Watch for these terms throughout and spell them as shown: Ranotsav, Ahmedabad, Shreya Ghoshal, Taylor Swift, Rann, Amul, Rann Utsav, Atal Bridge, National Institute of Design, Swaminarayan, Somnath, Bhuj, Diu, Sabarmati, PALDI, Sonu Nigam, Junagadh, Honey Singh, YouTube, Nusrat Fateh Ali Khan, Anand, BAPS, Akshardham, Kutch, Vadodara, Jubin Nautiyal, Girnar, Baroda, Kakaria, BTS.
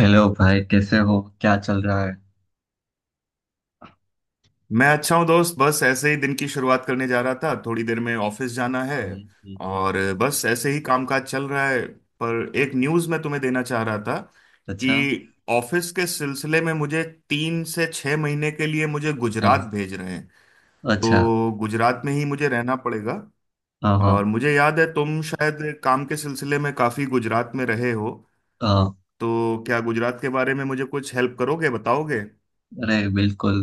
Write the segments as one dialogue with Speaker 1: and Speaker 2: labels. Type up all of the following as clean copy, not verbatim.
Speaker 1: Hello भाई, कैसे हो? क्या चल रहा है?
Speaker 2: मैं अच्छा हूँ दोस्त। बस ऐसे ही दिन की शुरुआत करने जा रहा था, थोड़ी देर में ऑफिस जाना है।
Speaker 1: हम्म, हम्म, हम्म।
Speaker 2: और बस ऐसे ही कामकाज चल रहा है। पर एक न्यूज़ मैं तुम्हें देना चाह रहा था
Speaker 1: अच्छा।
Speaker 2: कि ऑफिस के सिलसिले में मुझे 3 से 6 महीने के लिए मुझे गुजरात
Speaker 1: हाँ।
Speaker 2: भेज रहे हैं।
Speaker 1: अच्छा।
Speaker 2: तो गुजरात में ही मुझे रहना पड़ेगा।
Speaker 1: हाँ, हाँ।
Speaker 2: और मुझे याद है तुम शायद काम के सिलसिले में काफ़ी गुजरात में रहे हो।
Speaker 1: हाँ,
Speaker 2: तो क्या गुजरात के बारे में मुझे कुछ हेल्प करोगे, बताओगे?
Speaker 1: अरे बिल्कुल।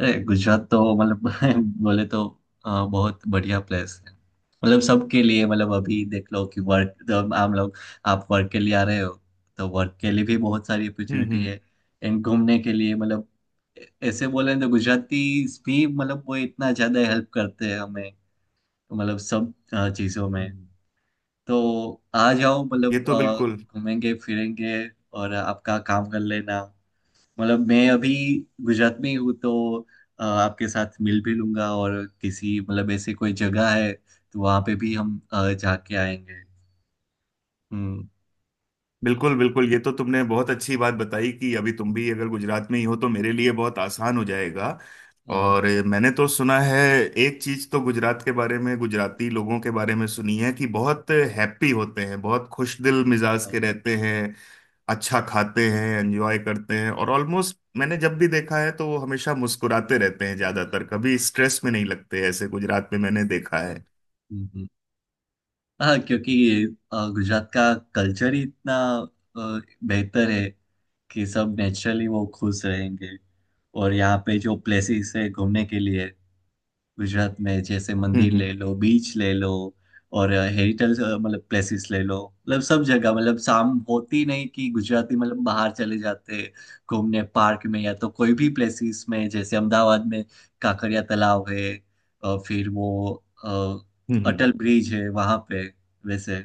Speaker 1: अरे गुजरात तो मतलब बोले तो हाँ, बहुत बढ़िया प्लेस है। मतलब सबके लिए, मतलब अभी देख लो कि वर्क, जब हम लोग, आप वर्क के लिए आ रहे हो, तो वर्क के लिए भी बहुत सारी
Speaker 2: हम्म,
Speaker 1: अपॉर्चुनिटी
Speaker 2: हम्म,
Speaker 1: है। एंड घूमने के लिए मतलब ऐ- ऐसे बोले तो गुजराती भी मतलब वो इतना ज्यादा हेल्प करते हैं हमें, मतलब सब चीजों में।
Speaker 2: हम्म।
Speaker 1: तो आ जाओ,
Speaker 2: ये
Speaker 1: मतलब
Speaker 2: तो बिल्कुल,
Speaker 1: घूमेंगे फिरेंगे और आपका काम कर लेना। मतलब मैं अभी गुजरात में ही हूँ, तो आपके साथ मिल भी लूंगा और किसी मतलब ऐसे कोई जगह है तो वहाँ पे भी हम जाके आएंगे। हम्म।
Speaker 2: बिल्कुल, बिल्कुल! ये तो तुमने बहुत अच्छी बात बताई कि अभी तुम भी अगर गुजरात में ही हो तो मेरे लिए बहुत आसान हो जाएगा।
Speaker 1: अ,
Speaker 2: और मैंने तो सुना है, एक चीज तो गुजरात के बारे में, गुजराती लोगों के बारे में सुनी है कि बहुत हैप्पी होते हैं, बहुत खुश दिल मिजाज
Speaker 1: अ, अ,
Speaker 2: के रहते हैं, अच्छा खाते हैं, एंजॉय करते हैं। और ऑलमोस्ट मैंने जब भी देखा है तो वो हमेशा मुस्कुराते रहते हैं, ज्यादातर कभी स्ट्रेस में नहीं लगते, ऐसे गुजरात में मैंने देखा
Speaker 1: अ,
Speaker 2: है।
Speaker 1: हम्म, हाँ क्योंकि गुजरात का कल्चर ही इतना अ, बेहतर है कि सब नेचुरली वो खुश रहेंगे। और यहाँ पे जो प्लेसेस है घूमने के लिए, गुजरात में, जैसे
Speaker 2: हम्म,
Speaker 1: मंदिर
Speaker 2: हम्म,
Speaker 1: ले लो, बीच ले लो, और हेरिटेज मतलब प्लेसेस ले लो। मतलब सब जगह, मतलब शाम होती नहीं कि गुजराती मतलब बाहर चले जाते घूमने, पार्क में या तो कोई भी प्लेसेस में, जैसे अहमदाबाद में काकरिया तालाब है और फिर वो
Speaker 2: हम्म,
Speaker 1: अटल ब्रिज है वहां पे वैसे।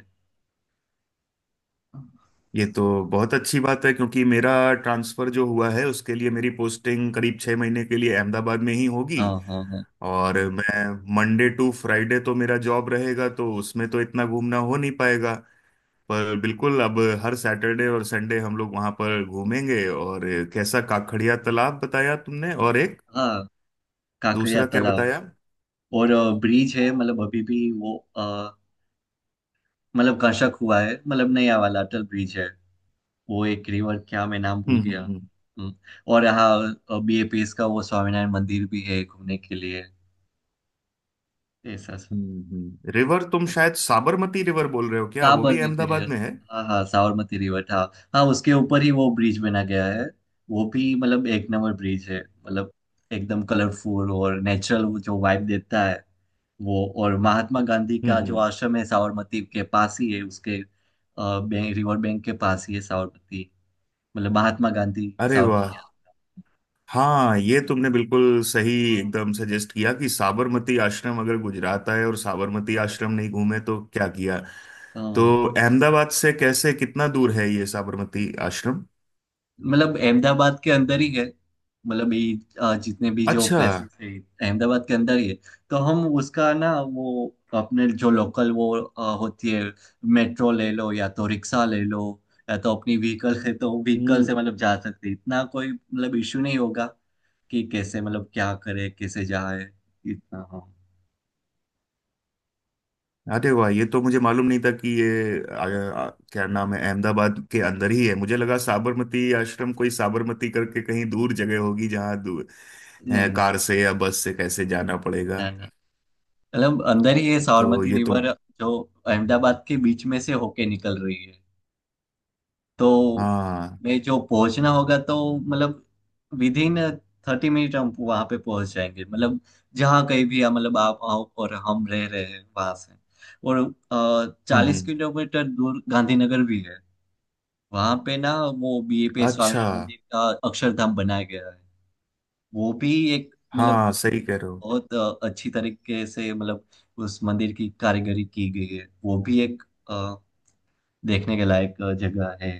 Speaker 2: ये तो बहुत अच्छी बात है क्योंकि मेरा ट्रांसफर जो हुआ है उसके लिए मेरी पोस्टिंग करीब 6 महीने के लिए अहमदाबाद में ही होगी।
Speaker 1: हाँ, हाँ, हाँ।
Speaker 2: और मैं मंडे टू फ्राइडे तो मेरा जॉब रहेगा, तो उसमें तो इतना घूमना हो नहीं पाएगा। पर बिल्कुल, अब हर सैटरडे और संडे हम लोग वहां पर घूमेंगे। और कैसा काकड़िया तालाब बताया तुमने, और एक
Speaker 1: हाँ, काकरिया
Speaker 2: दूसरा क्या
Speaker 1: तालाब
Speaker 2: बताया? हम्म,
Speaker 1: और ब्रिज है। मतलब अभी भी वो मतलब कंस्ट्रक्ट हुआ है, मतलब नया वाला अटल ब्रिज है। वो एक रिवर, क्या मैं नाम भूल
Speaker 2: हम्म,
Speaker 1: गया।
Speaker 2: हम्म,
Speaker 1: हम्म, और यहाँ बीएपीएस का वो स्वामीनारायण मंदिर भी है घूमने के लिए, ऐसा सब।
Speaker 2: हम्म, हम्म। रिवर तुम शायद साबरमती रिवर बोल रहे हो, क्या वो भी
Speaker 1: साबरमती
Speaker 2: अहमदाबाद
Speaker 1: रिवर,
Speaker 2: में है?
Speaker 1: हाँ हाँ, साबरमती रिवर, हाँ। हाँ, उसके ऊपर ही वो ब्रिज बना गया है। वो भी मतलब एक नंबर ब्रिज है। मतलब एकदम कलरफुल और नेचुरल वो जो वाइब देता है वो। और महात्मा गांधी
Speaker 2: हम्म,
Speaker 1: का जो
Speaker 2: हम्म।
Speaker 1: आश्रम है, साबरमती के पास ही है, उसके रिवर बैंक के पास ही है, साबरमती, मतलब महात्मा गांधी
Speaker 2: अरे
Speaker 1: साबरमती
Speaker 2: वाह! हाँ, ये तुमने बिल्कुल सही, एकदम सजेस्ट किया कि साबरमती आश्रम, अगर गुजरात आए और साबरमती
Speaker 1: आश्रम।
Speaker 2: आश्रम नहीं घूमे तो क्या किया। तो
Speaker 1: हाँ।
Speaker 2: अहमदाबाद से कैसे, कितना दूर है ये साबरमती आश्रम?
Speaker 1: मतलब अहमदाबाद के अंदर ही है। मतलब ये जितने भी जो
Speaker 2: अच्छा।
Speaker 1: प्लेसेस है, अहमदाबाद के अंदर ही है। तो हम उसका ना वो अपने जो लोकल वो होती है, मेट्रो ले लो या तो रिक्शा ले लो, या तो अपनी व्हीकल है तो व्हीकल
Speaker 2: हम्म।
Speaker 1: से मतलब जा सकते हैं। इतना कोई मतलब इश्यू नहीं होगा कि कैसे, मतलब क्या करे, कैसे जाए, इतना। हाँ,
Speaker 2: अरे वाह! ये तो मुझे मालूम नहीं था कि ये आ, आ, क्या नाम है, अहमदाबाद के अंदर ही है। मुझे लगा साबरमती आश्रम कोई साबरमती करके कहीं दूर जगह होगी जहाँ दूर
Speaker 1: नहीं नहीं।
Speaker 2: कार से या बस से कैसे जाना पड़ेगा।
Speaker 1: ना ना, मतलब अंदर ही ये
Speaker 2: तो
Speaker 1: साबरमती
Speaker 2: ये तो,
Speaker 1: रिवर जो अहमदाबाद के बीच में से होके निकल रही है, तो
Speaker 2: हाँ।
Speaker 1: मैं जो पहुंचना होगा तो मतलब विद इन 30 मिनट हम वहां पे पहुंच जाएंगे। मतलब जहाँ कहीं भी है, मतलब आप आओ और हम रह रहे हैं वहां से। और
Speaker 2: हम्म,
Speaker 1: चालीस किलोमीटर दूर गांधीनगर भी है। वहां पे ना वो बीएपी
Speaker 2: अच्छा।
Speaker 1: स्वामीनारायण मंदिर का अक्षरधाम बनाया गया है। वो भी एक मतलब
Speaker 2: हाँ सही कह रहे हो।
Speaker 1: बहुत अच्छी तरीके से मतलब उस मंदिर की कारीगरी की गई है। वो भी एक अ, देखने के लायक जगह है।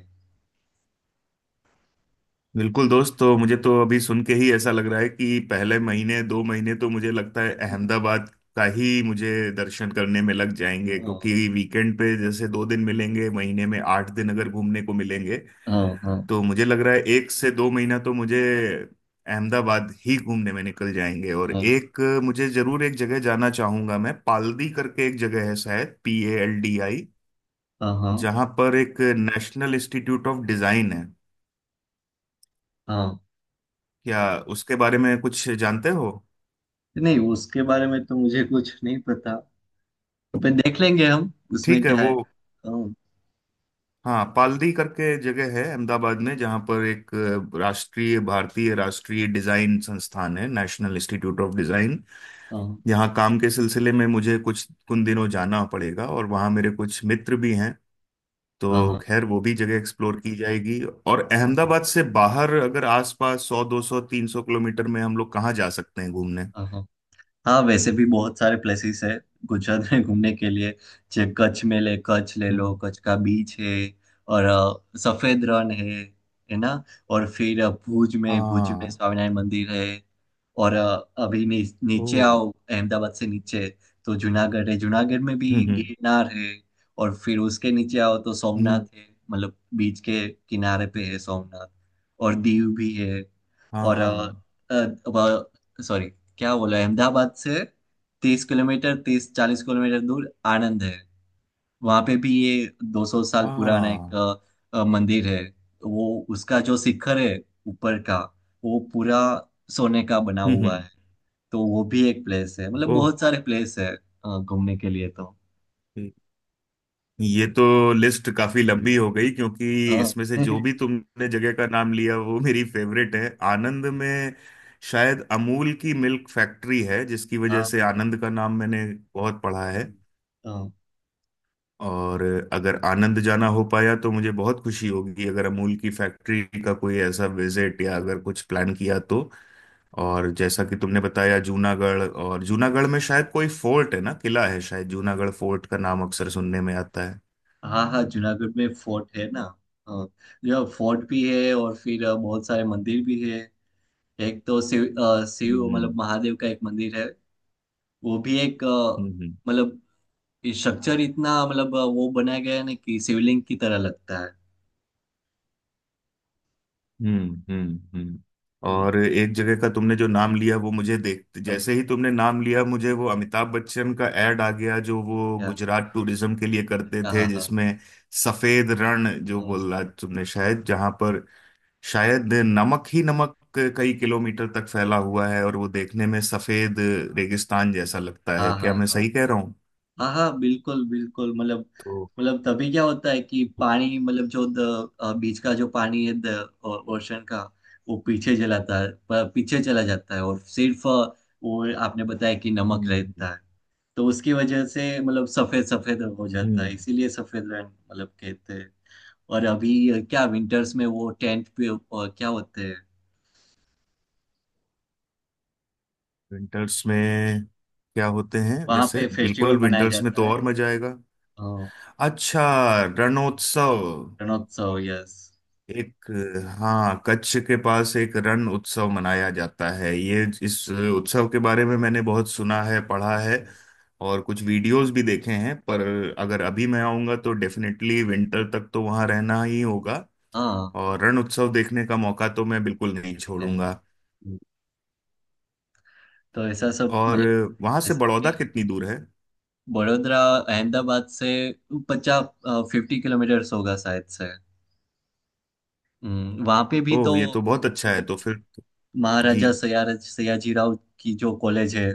Speaker 2: बिल्कुल दोस्त, तो मुझे तो अभी सुन के ही ऐसा लग रहा है कि पहले महीने, 2 महीने तो मुझे लगता है अहमदाबाद का ही मुझे दर्शन करने में लग जाएंगे।
Speaker 1: हाँ,
Speaker 2: क्योंकि वीकेंड पे जैसे 2 दिन मिलेंगे, महीने में 8 दिन अगर घूमने को मिलेंगे,
Speaker 1: हाँ, हाँ।
Speaker 2: तो मुझे लग रहा है 1 से 2 महीना तो मुझे अहमदाबाद ही घूमने में निकल जाएंगे। और
Speaker 1: हाँ,
Speaker 2: एक मुझे जरूर एक जगह जाना चाहूंगा, मैं पालदी करके एक जगह है शायद, PALDI,
Speaker 1: हाँ, हाँ।
Speaker 2: जहाँ पर एक नेशनल इंस्टीट्यूट ऑफ डिजाइन है।
Speaker 1: हाँ।
Speaker 2: क्या उसके बारे में कुछ जानते हो?
Speaker 1: नहीं, उसके बारे में तो मुझे कुछ नहीं पता, पर देख लेंगे हम उसमें
Speaker 2: ठीक है
Speaker 1: क्या
Speaker 2: वो।
Speaker 1: है। हाँ।
Speaker 2: हाँ पालड़ी करके जगह है अहमदाबाद में जहाँ पर एक राष्ट्रीय, भारतीय राष्ट्रीय डिजाइन संस्थान है, नेशनल इंस्टीट्यूट ऑफ डिजाइन।
Speaker 1: हाँ
Speaker 2: यहाँ काम के सिलसिले में मुझे कुछ कुछ दिनों जाना पड़ेगा, और वहाँ मेरे कुछ मित्र भी हैं
Speaker 1: हाँ।
Speaker 2: तो
Speaker 1: हाँ
Speaker 2: खैर वो भी जगह एक्सप्लोर की जाएगी। और अहमदाबाद से बाहर अगर आसपास 100, 200, 300 किलोमीटर में हम लोग कहाँ जा सकते हैं घूमने?
Speaker 1: हाँ। हाँ। हाँ वैसे भी बहुत सारे प्लेसेस है गुजरात में घूमने के लिए। जैसे कच्छ में ले, कच्छ ले लो,
Speaker 2: हम्म।
Speaker 1: कच्छ का बीच है और सफेद रण है ना। और फिर भुज में, भुज में
Speaker 2: हाँ।
Speaker 1: स्वामीनारायण मंदिर है। और अभी
Speaker 2: ओ।
Speaker 1: नीचे आओ अहमदाबाद से, नीचे तो जूनागढ़ है। जूनागढ़ में भी
Speaker 2: हम्म, हम्म,
Speaker 1: गिरनार है। और फिर उसके नीचे आओ तो
Speaker 2: हम्म,
Speaker 1: सोमनाथ है, मतलब बीच के किनारे पे है सोमनाथ। और दीव भी है। और
Speaker 2: हाँ,
Speaker 1: सॉरी, क्या बोला, अहमदाबाद से 30 किलोमीटर, 30-40 किलोमीटर दूर आनंद है। वहां पे भी ये 200 साल पुराना एक
Speaker 2: हाँ,
Speaker 1: मंदिर है। वो उसका जो शिखर है ऊपर का, वो पूरा सोने का बना
Speaker 2: हम्म,
Speaker 1: हुआ
Speaker 2: हम्म।
Speaker 1: है। तो वो भी एक प्लेस है, मतलब
Speaker 2: ओह
Speaker 1: बहुत सारे प्लेस है घूमने के लिए तो।
Speaker 2: ये तो लिस्ट काफी लंबी हो गई, क्योंकि
Speaker 1: हाँ
Speaker 2: इसमें से जो
Speaker 1: हाँ,
Speaker 2: भी तुमने जगह का नाम लिया वो मेरी फेवरेट है। आनंद में शायद अमूल की मिल्क फैक्ट्री है, जिसकी वजह से
Speaker 1: हाँ,
Speaker 2: आनंद का नाम मैंने बहुत पढ़ा है।
Speaker 1: हाँ,
Speaker 2: और अगर आनंद जाना हो पाया तो मुझे बहुत खुशी होगी, अगर अमूल की फैक्ट्री का कोई ऐसा विजिट या अगर कुछ प्लान किया तो। और जैसा कि तुमने बताया जूनागढ़, और जूनागढ़ में शायद कोई फोर्ट है ना, किला है शायद, जूनागढ़ फोर्ट का नाम अक्सर सुनने में आता है।
Speaker 1: हाँ। हाँ, जूनागढ़ में फोर्ट है ना। हाँ जो फोर्ट भी है और फिर बहुत सारे मंदिर भी है। एक तो शिव शिव
Speaker 2: हम्म,
Speaker 1: मतलब महादेव का एक मंदिर है। वो भी एक
Speaker 2: हम्म,
Speaker 1: मतलब स्ट्रक्चर इतना मतलब वो बनाया गया है ना कि शिवलिंग की तरह लगता है।
Speaker 2: हम्म, हम्म, हम्म।
Speaker 1: हम्म,
Speaker 2: और एक जगह का तुमने जो नाम लिया, वो मुझे देख
Speaker 1: पर
Speaker 2: जैसे ही तुमने नाम लिया मुझे वो अमिताभ बच्चन का एड आ गया जो वो
Speaker 1: क्या?
Speaker 2: गुजरात टूरिज्म के लिए करते
Speaker 1: अच्छा, हाँ,
Speaker 2: थे,
Speaker 1: हाँ।
Speaker 2: जिसमें सफेद रण जो
Speaker 1: हाँ,
Speaker 2: बोला तुमने, शायद जहां पर शायद नमक ही नमक कई किलोमीटर तक फैला हुआ है और वो देखने में सफेद रेगिस्तान जैसा लगता
Speaker 1: हाँ,
Speaker 2: है,
Speaker 1: हाँ,
Speaker 2: क्या मैं
Speaker 1: हाँ,
Speaker 2: सही कह रहा हूँ?
Speaker 1: हाँ हाँ बिल्कुल बिल्कुल। मतलब,
Speaker 2: तो
Speaker 1: मतलब तभी क्या होता है कि पानी, मतलब जो बीच का जो पानी है, द ओशन का, वो पीछे चलाता है, पीछे चला जाता है, और सिर्फ वो आपने बताया कि नमक
Speaker 2: हम्म,
Speaker 1: रहता है। तो उसकी वजह से मतलब सफेद सफेद हो
Speaker 2: हम्म,
Speaker 1: जाता है, इसीलिए सफेद रंग मतलब कहते हैं। और अभी क्या विंटर्स में वो टेंट पे क्या होते हैं?
Speaker 2: विंटर्स में क्या होते हैं
Speaker 1: वहां
Speaker 2: जैसे?
Speaker 1: पे
Speaker 2: बिल्कुल
Speaker 1: फेस्टिवल मनाया
Speaker 2: विंटर्स में
Speaker 1: जाता
Speaker 2: तो
Speaker 1: है
Speaker 2: और मजा आएगा।
Speaker 1: अ,
Speaker 2: अच्छा। रणोत्सव।
Speaker 1: रणोत्सव, यस।
Speaker 2: एक, हाँ, कच्छ के पास एक रण उत्सव मनाया जाता है। ये, इस उत्सव के बारे में मैंने बहुत सुना है, पढ़ा है, और कुछ वीडियोस भी देखे हैं। पर अगर अभी मैं आऊँगा तो डेफिनेटली विंटर तक तो वहाँ रहना ही होगा,
Speaker 1: हाँ,
Speaker 2: और रण उत्सव देखने का मौका तो मैं बिल्कुल नहीं
Speaker 1: मिल ही जाएगा
Speaker 2: छोड़ूंगा।
Speaker 1: तो, ऐसा सब
Speaker 2: और
Speaker 1: मतलब।
Speaker 2: वहाँ से
Speaker 1: ऐसे ही
Speaker 2: बड़ौदा
Speaker 1: है।
Speaker 2: कितनी दूर है?
Speaker 1: बड़ोदरा अहमदाबाद से पचास, 50 किलोमीटर्स होगा शायद से। वहाँ पे भी तो
Speaker 2: ओह ये तो बहुत अच्छा है,
Speaker 1: वो
Speaker 2: तो फिर तो, जी,
Speaker 1: महाराजा सयाजी, सयाजीराव की जो कॉलेज है,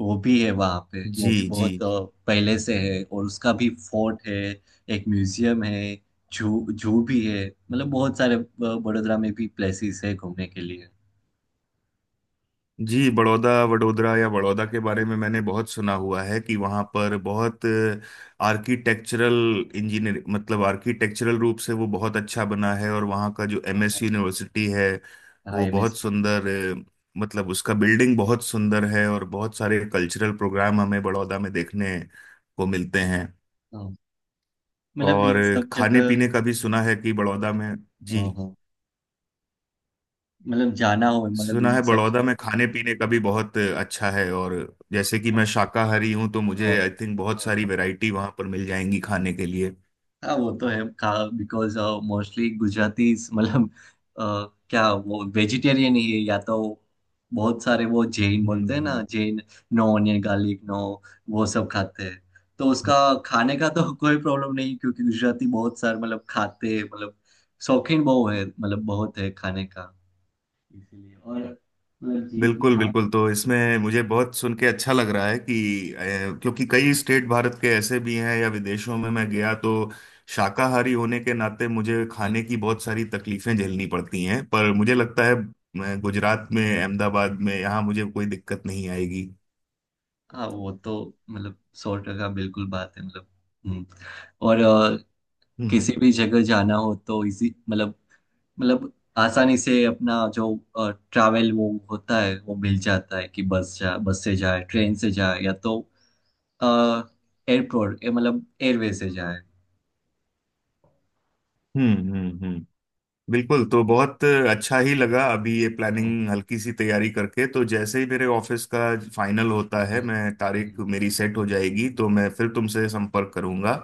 Speaker 1: वो भी है वहाँ पे, वो
Speaker 2: जी,
Speaker 1: भी बहुत
Speaker 2: जी,
Speaker 1: पहले से है। और उसका भी फोर्ट है, एक म्यूजियम है, जू, जू भी है, मतलब बहुत सारे बड़ोदरा में भी प्लेसेस है घूमने के लिए।
Speaker 2: जी। बड़ौदा, वडोदरा या बड़ौदा के बारे में मैंने बहुत सुना
Speaker 1: हाँ,
Speaker 2: हुआ है कि वहाँ पर बहुत आर्किटेक्चरल इंजीनियर, मतलब आर्किटेक्चरल रूप से वो बहुत अच्छा बना है, और वहाँ का जो एमएस
Speaker 1: हाँ,
Speaker 2: यूनिवर्सिटी है
Speaker 1: हाँ
Speaker 2: वो बहुत
Speaker 1: MSC।
Speaker 2: सुंदर, अ, मतलब उसका बिल्डिंग बहुत सुंदर है और बहुत सारे कल्चरल प्रोग्राम हमें बड़ौदा में देखने को मिलते हैं।
Speaker 1: हाँ, मतलब
Speaker 2: और
Speaker 1: इन सब
Speaker 2: खाने
Speaker 1: जगह।
Speaker 2: पीने का भी सुना है कि बड़ौदा में। जी।
Speaker 1: हाँ, हाँ, मतलब जाना हो मतलब
Speaker 2: सुना
Speaker 1: इन
Speaker 2: है
Speaker 1: सब
Speaker 2: बड़ौदा
Speaker 1: जगह।
Speaker 2: में खाने पीने का भी बहुत अच्छा है, और जैसे कि
Speaker 1: हाँ,
Speaker 2: मैं शाकाहारी हूँ तो मुझे
Speaker 1: हाँ,
Speaker 2: आई थिंक बहुत
Speaker 1: हाँ।
Speaker 2: सारी वैरायटी वहां पर मिल जाएंगी खाने के लिए।
Speaker 1: हाँ, वो तो है, खा, बिकॉज मोस्टली गुजराती मतलब अ, क्या वो वेजिटेरियन ही है, या तो बहुत सारे वो जैन
Speaker 2: हम्म,
Speaker 1: बोलते हैं ना, Jain, no onion garlic, no, वो सब खाते हैं। तो उसका खाने का तो कोई प्रॉब्लम नहीं, क्योंकि गुजराती बहुत सारे मतलब खाते हैं, मतलब शौकीन बहुत है, मतलब बहुत है खाने का इसीलिए। और मतलब जी
Speaker 2: बिल्कुल,
Speaker 1: जहाँ,
Speaker 2: बिल्कुल, तो इसमें मुझे बहुत सुन के अच्छा लग रहा है कि क्योंकि कई स्टेट भारत के ऐसे भी हैं या विदेशों में मैं गया तो शाकाहारी होने के नाते मुझे
Speaker 1: हाँ,
Speaker 2: खाने की बहुत सारी तकलीफें झेलनी पड़ती हैं, पर मुझे लगता है मैं गुजरात में, अहमदाबाद में यहाँ मुझे कोई दिक्कत नहीं आएगी।
Speaker 1: हाँ, वो तो मतलब 100 टका बिल्कुल बात है मतलब। हम्म। और
Speaker 2: हम्म,
Speaker 1: किसी भी जगह जाना हो तो इजी, मतलब, मतलब आसानी से अपना जो ट्रैवल वो होता है, वो मिल जाता है कि बस, जा बस से जाए, ट्रेन से जाए, या तो एयरपोर्ट मतलब एयरवे से जाए।
Speaker 2: हम्म, हम्म, बिल्कुल। तो बहुत अच्छा ही लगा अभी, ये
Speaker 1: हाँ,
Speaker 2: प्लानिंग हल्की सी तैयारी करके, तो जैसे ही मेरे ऑफिस का फाइनल होता
Speaker 1: हाँ,
Speaker 2: है,
Speaker 1: हाँ,
Speaker 2: मैं तारीख
Speaker 1: हम्म,
Speaker 2: मेरी सेट हो जाएगी तो मैं फिर तुमसे संपर्क करूंगा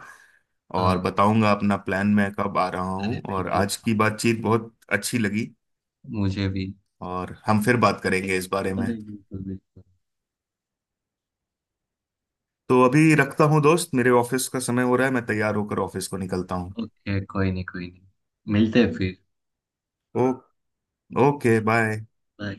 Speaker 2: और
Speaker 1: हाँ,
Speaker 2: बताऊंगा अपना प्लान मैं कब आ रहा
Speaker 1: अरे
Speaker 2: हूं। और
Speaker 1: बिल्कुल,
Speaker 2: आज की बातचीत बहुत अच्छी लगी,
Speaker 1: मुझे भी।
Speaker 2: और हम फिर बात करेंगे इस बारे में।
Speaker 1: अरे बिल्कुल बिल्कुल।
Speaker 2: तो अभी रखता हूं दोस्त, मेरे ऑफिस का समय हो रहा है, मैं तैयार होकर ऑफिस को निकलता हूँ।
Speaker 1: ओके, कोई नहीं कोई नहीं, मिलते हैं फिर।
Speaker 2: ओ। Okay, bye.
Speaker 1: बाय।